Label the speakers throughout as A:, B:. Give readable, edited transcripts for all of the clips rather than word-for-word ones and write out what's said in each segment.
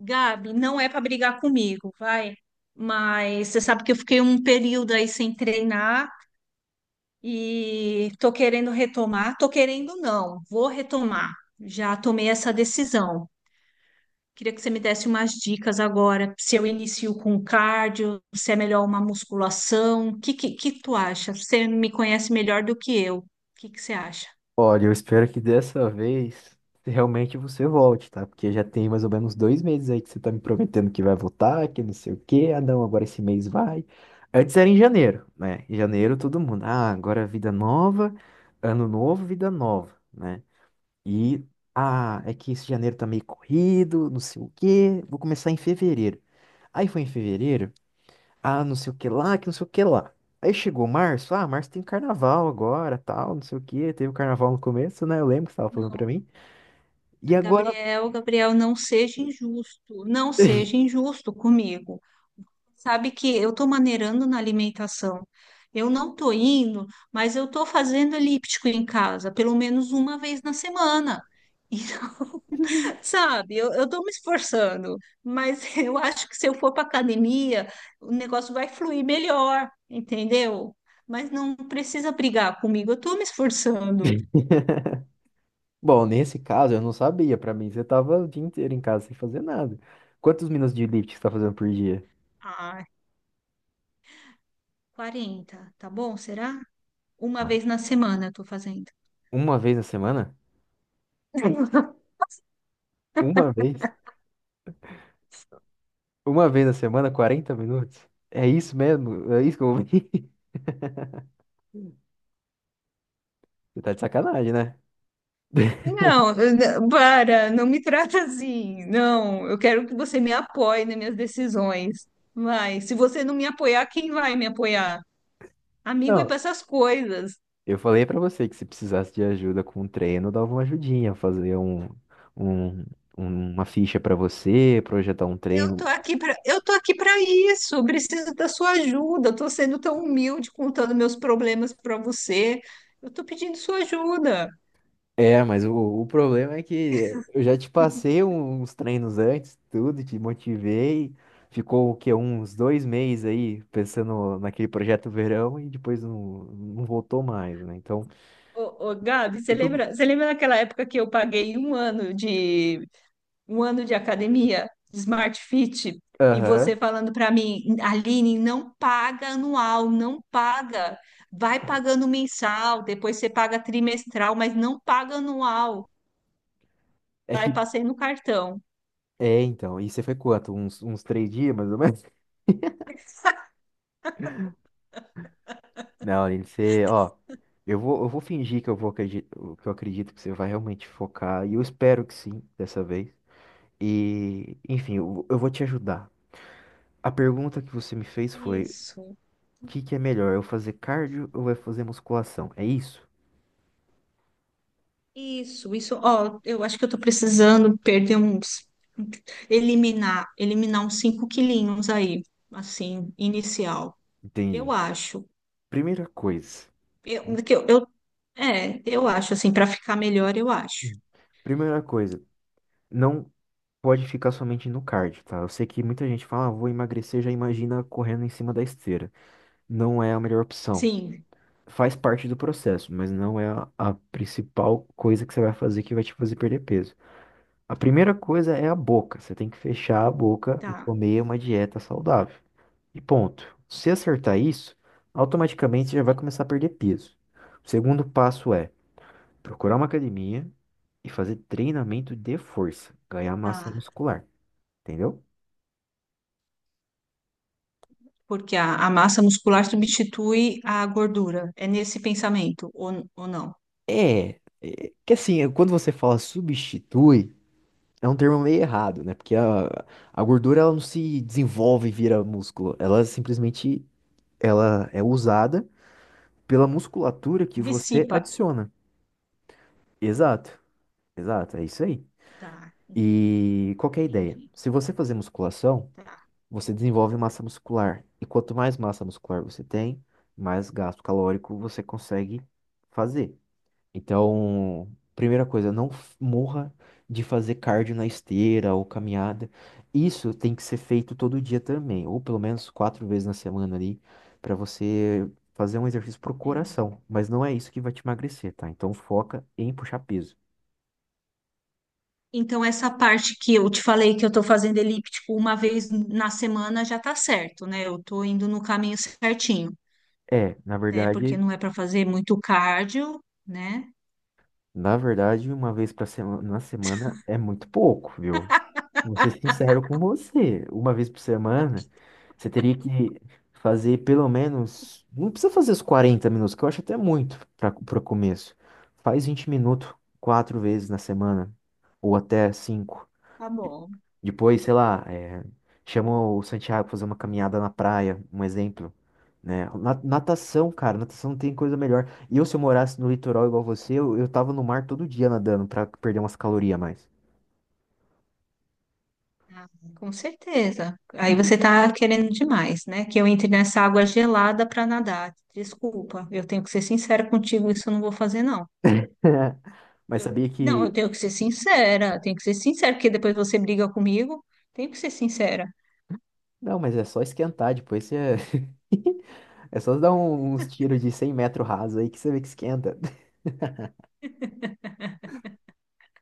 A: Gabi, não é para brigar comigo, vai. Mas você sabe que eu fiquei um período aí sem treinar e tô querendo retomar. Tô querendo não, vou retomar. Já tomei essa decisão. Queria que você me desse umas dicas agora, se eu inicio com cardio, se é melhor uma musculação, o que tu acha? Você me conhece melhor do que eu. O que você acha?
B: Olha, eu espero que dessa vez realmente você volte, tá? Porque já tem mais ou menos 2 meses aí que você tá me prometendo que vai voltar, que não sei o quê. Ah, não, agora esse mês vai. Antes era em janeiro, né? Em janeiro todo mundo. Ah, agora é vida nova, ano novo, vida nova, né? E, ah, é que esse janeiro tá meio corrido, não sei o quê. Vou começar em fevereiro. Aí foi em fevereiro. Ah, não sei o que lá, que não sei o que lá. Aí chegou março, ah, março tem carnaval agora, tal, não sei o que, teve o carnaval no começo, né? Eu lembro que você tava falando pra
A: Não,
B: mim. E agora.
A: Gabriel, não seja injusto, não seja injusto comigo. Sabe que eu estou maneirando na alimentação. Eu não estou indo, mas eu estou fazendo elíptico em casa, pelo menos uma vez na semana. Sabe, eu tô me esforçando, mas eu acho que se eu for para academia, o negócio vai fluir melhor, entendeu? Mas não precisa brigar comigo, eu tô me esforçando.
B: Bom, nesse caso eu não sabia, pra mim você tava o dia inteiro em casa sem fazer nada. Quantos minutos de elíptica você tá fazendo por dia?
A: Ah, 40 tá bom? Será? Uma
B: Ah,
A: vez na semana eu tô fazendo.
B: uma vez na semana? Uma vez? Uma vez na semana, 40 minutos? É isso mesmo? É isso que eu ouvi? Você tá de sacanagem, né?
A: Não, para, não me trata assim. Não, eu quero que você me apoie nas minhas decisões. Mas se você não me apoiar, quem vai me apoiar? Amigo é
B: Não,
A: para essas coisas.
B: eu falei pra você que se precisasse de ajuda com o treino, eu dava uma ajudinha, fazer um- uma ficha pra você, projetar um treino.
A: Eu tô aqui para isso. eu Preciso da sua ajuda. Eu tô sendo tão humilde contando meus problemas para você. Eu tô pedindo sua ajuda.
B: É, mas o problema é que eu já te passei uns treinos antes, tudo, te motivei. Ficou o quê? Uns 2 meses aí pensando naquele projeto verão e depois não voltou mais, né? Então,
A: Gabi,
B: eu tô...
A: você lembra daquela época que eu paguei 1 ano de academia, de Smart Fit, e você
B: aham.
A: falando para mim, Aline, não paga anual, não paga. Vai pagando mensal, depois você paga trimestral, mas não paga anual.
B: É
A: Aí
B: que.
A: passei no cartão.
B: É, então. E você foi quanto? Uns 3 dias, mais ou menos? Não, Aline, você, ó, eu vou fingir que eu acredito que você vai realmente focar, e eu espero que sim, dessa vez. E, enfim, eu vou te ajudar. A pergunta que você me fez foi:
A: Isso,
B: o que que é melhor, eu fazer cardio ou eu fazer musculação? É isso?
A: isso, isso. Ó, eu acho que eu tô precisando eliminar, eliminar uns 5 quilinhos aí, assim, inicial. Eu
B: Entendi.
A: acho.
B: Primeira coisa,
A: Eu, que eu- é, eu acho, assim, para ficar melhor, eu acho.
B: primeira coisa, não pode ficar somente no cardio, tá? Eu sei que muita gente fala, ah, vou emagrecer, já imagina correndo em cima da esteira. Não é a melhor opção.
A: Sim,
B: Faz parte do processo, mas não é a principal coisa que você vai fazer que vai te fazer perder peso. A primeira coisa é a boca. Você tem que fechar a boca e
A: tá,
B: comer uma dieta saudável. E ponto. Se acertar isso, automaticamente você já vai começar a perder peso. O segundo passo é procurar uma academia e fazer treinamento de força, ganhar massa
A: tá.
B: muscular, entendeu?
A: Porque a massa muscular substitui a gordura. É nesse pensamento, ou não?
B: É, é que assim, quando você fala substitui é um termo meio errado, né? Porque a gordura ela não se desenvolve e vira músculo. Ela simplesmente ela é usada pela musculatura que você
A: Dissipa.
B: adiciona. Exato, exato, é isso aí.
A: Tá, entendi,
B: E qual que é a ideia?
A: entendi.
B: Se você fazer musculação,
A: Tá.
B: você desenvolve massa muscular. E quanto mais massa muscular você tem, mais gasto calórico você consegue fazer. Então, primeira coisa, não morra de fazer cardio na esteira ou caminhada. Isso tem que ser feito todo dia também, ou pelo menos 4 vezes na semana ali, para você fazer um exercício pro
A: É.
B: coração. Mas não é isso que vai te emagrecer, tá? Então foca em puxar peso.
A: Então, essa parte que eu te falei que eu tô fazendo elíptico uma vez na semana já tá certo, né? Eu tô indo no caminho certinho,
B: É, na
A: né? Porque
B: verdade,
A: não é para fazer muito cardio, né?
B: na verdade, uma vez na semana é muito pouco, viu? Vou ser sincero com você. Uma vez por semana, você teria que fazer pelo menos. Não precisa fazer os 40 minutos, que eu acho até muito para o começo. Faz 20 minutos 4 vezes na semana, ou até cinco.
A: Tá bom.
B: Depois, sei lá, é, chama o Santiago pra fazer uma caminhada na praia, um exemplo. Né? Natação, cara, natação não tem coisa melhor. E eu, se eu morasse no litoral igual você, eu tava no mar todo dia nadando pra perder umas calorias a mais.
A: Ah, Com certeza. Aí você está querendo demais, né? Que eu entre nessa água gelada para nadar. Desculpa, eu tenho que ser sincera contigo, isso eu não vou fazer, não.
B: Mas sabia
A: Não, eu
B: que
A: tenho que ser sincera, eu tenho que ser sincera, porque depois você briga comigo. Tenho que ser sincera.
B: não, mas é só esquentar, depois você. É só dar uns tiros de 100 metros raso aí que você vê que esquenta.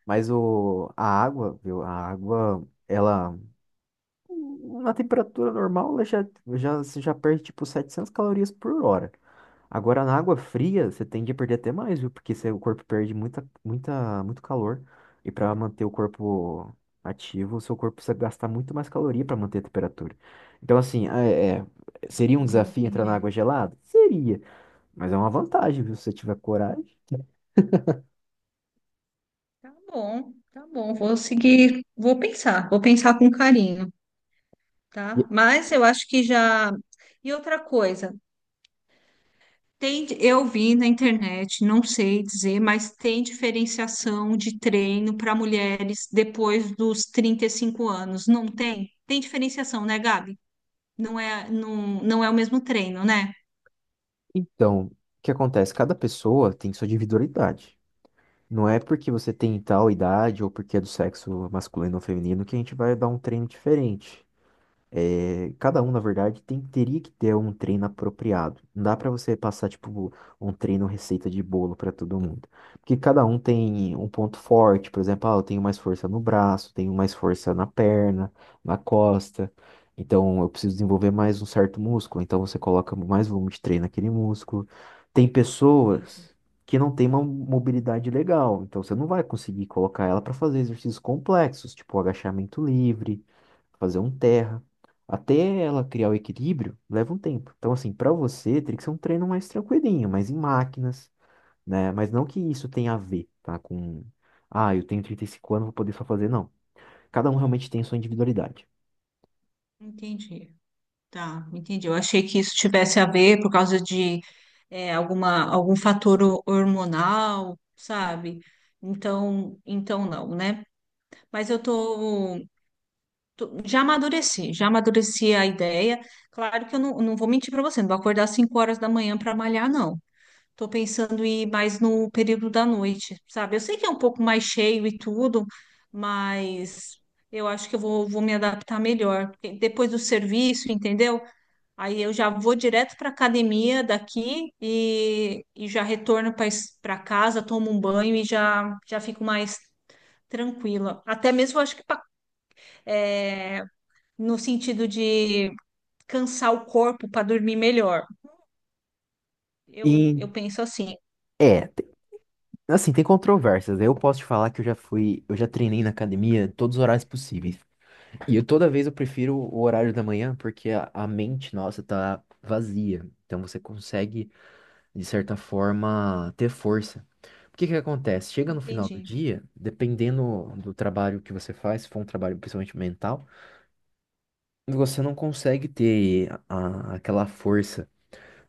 B: Mas o... a água, viu? A água, ela. Na temperatura normal, ela já, você já perde tipo 700 calorias por hora. Agora, na água fria, você tende a perder até mais, viu? Porque você- o corpo perde muito calor. E para manter o corpo ativo, o seu corpo precisa gastar muito mais caloria para manter a temperatura. Então, assim, seria um desafio entrar na
A: Entendi.
B: água gelada? Seria. Mas é uma vantagem, viu? Se você tiver coragem.
A: Tá bom, tá bom. Vou seguir, vou pensar com carinho, tá?
B: E-
A: Mas eu acho que já. E outra coisa. Tem, eu vi na internet, não sei dizer, mas tem diferenciação de treino para mulheres depois dos 35 anos, não tem? Tem diferenciação, né, Gabi? Não é, não, não é o mesmo treino, né?
B: então, o que acontece? Cada pessoa tem sua individualidade. Não é porque você tem tal idade ou porque é do sexo masculino ou feminino que a gente vai dar um treino diferente. É, cada um, na verdade, teria que ter um treino apropriado. Não dá pra você passar, tipo, um treino receita de bolo pra todo mundo. Porque cada um tem um ponto forte, por exemplo, ah, eu tenho mais força no braço, tenho mais força na perna, na costa. Então, eu preciso desenvolver mais um certo músculo. Então, você coloca mais volume de treino naquele músculo. Tem
A: Entendi.
B: pessoas que não têm uma mobilidade legal. Então, você não vai conseguir colocar ela pra fazer exercícios complexos, tipo agachamento livre fazer um terra. Até ela criar o equilíbrio, leva um tempo. Então, assim, para você, teria que ser um treino mais tranquilinho, mais em máquinas, né? Mas não que isso tenha a ver, tá? Com, ah, eu tenho 35 anos, vou poder só fazer. Não. Cada um realmente tem a sua individualidade.
A: Entendi. Tá, entendi. Eu achei que isso tivesse a ver por causa de alguma, hormonal, sabe? Então, então não, né? Mas eu tô Tô, já amadureci, já amadureci a ideia. Claro que eu não, não vou mentir para você, não vou acordar às 5 horas da manhã para malhar, não. Estou pensando em ir mais no período da noite, sabe? Eu sei que é um pouco mais cheio e tudo, mas eu acho que vou me adaptar melhor. Porque depois do serviço, entendeu? Aí eu já vou direto para academia daqui e já retorno para casa, tomo um banho e já fico mais tranquila. Até mesmo, eu acho que para no sentido de cansar o corpo para dormir melhor. Eu,
B: E,
A: eu penso assim,
B: é, assim, tem controvérsias. Eu posso te falar que eu já fui, eu já treinei na academia todos os horários possíveis. E eu toda vez eu prefiro o horário da manhã, porque a mente nossa tá vazia. Então você consegue, de certa forma, ter força. O que que acontece? Chega no final do
A: entendi.
B: dia, dependendo do trabalho que você faz, se for um trabalho principalmente mental, você não consegue ter aquela força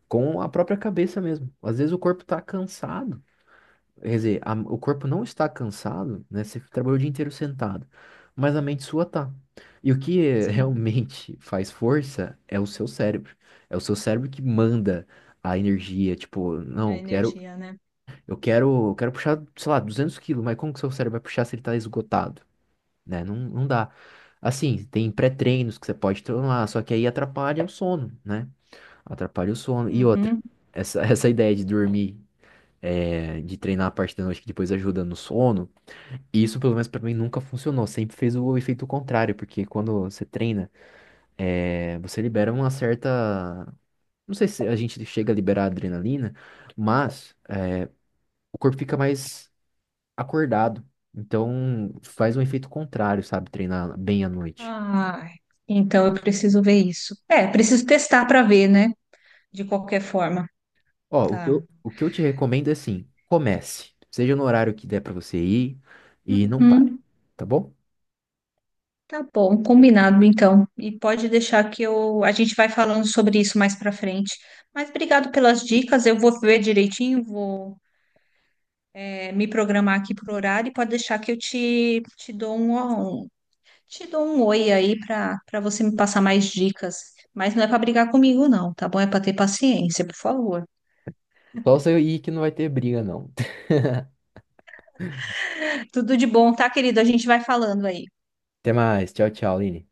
B: com a própria cabeça mesmo. Às vezes o corpo tá cansado, quer dizer, o corpo não está cansado, né? Você trabalhou o dia inteiro sentado, mas a mente sua tá. E o que
A: Sim,
B: realmente faz força é o seu cérebro. É o seu cérebro que manda a energia, tipo,
A: a
B: não, quero
A: energia, né?
B: Eu quero puxar, sei lá, 200 quilos, mas como que seu cérebro vai puxar se ele tá esgotado, né? Não dá. Assim, tem pré-treinos que você pode tomar, só que aí atrapalha o sono, né? Atrapalha o sono. E outra,
A: Uhum.
B: essa, essa ideia de dormir, é, de treinar a parte da noite que depois ajuda no sono, isso pelo menos pra mim nunca funcionou. Sempre fez o efeito contrário, porque quando você treina, é, você libera uma certa. Não sei se a gente chega a liberar adrenalina, mas o corpo fica mais acordado. Então, faz um efeito contrário, sabe? Treinar bem à noite.
A: Ai, então eu preciso ver isso. É, preciso testar para ver, né? De qualquer forma.
B: Ó, o que
A: Tá.
B: eu, o que eu te recomendo é assim, comece. Seja no horário que der pra você ir e não pare,
A: Uhum.
B: tá bom?
A: Tá bom, combinado então. E pode deixar que eu a gente vai falando sobre isso mais para frente. Mas obrigado pelas dicas. Eu vou ver direitinho, vou é, me programar aqui por horário e pode deixar que eu te dou um, te dou um oi aí para você me passar mais dicas, mas não é para brigar comigo, não, tá bom? É para ter paciência, por favor.
B: Só você ir que não vai ter briga, não.
A: Tudo de bom, tá, querido? A gente vai falando aí.
B: Até mais. Tchau, tchau, Aline.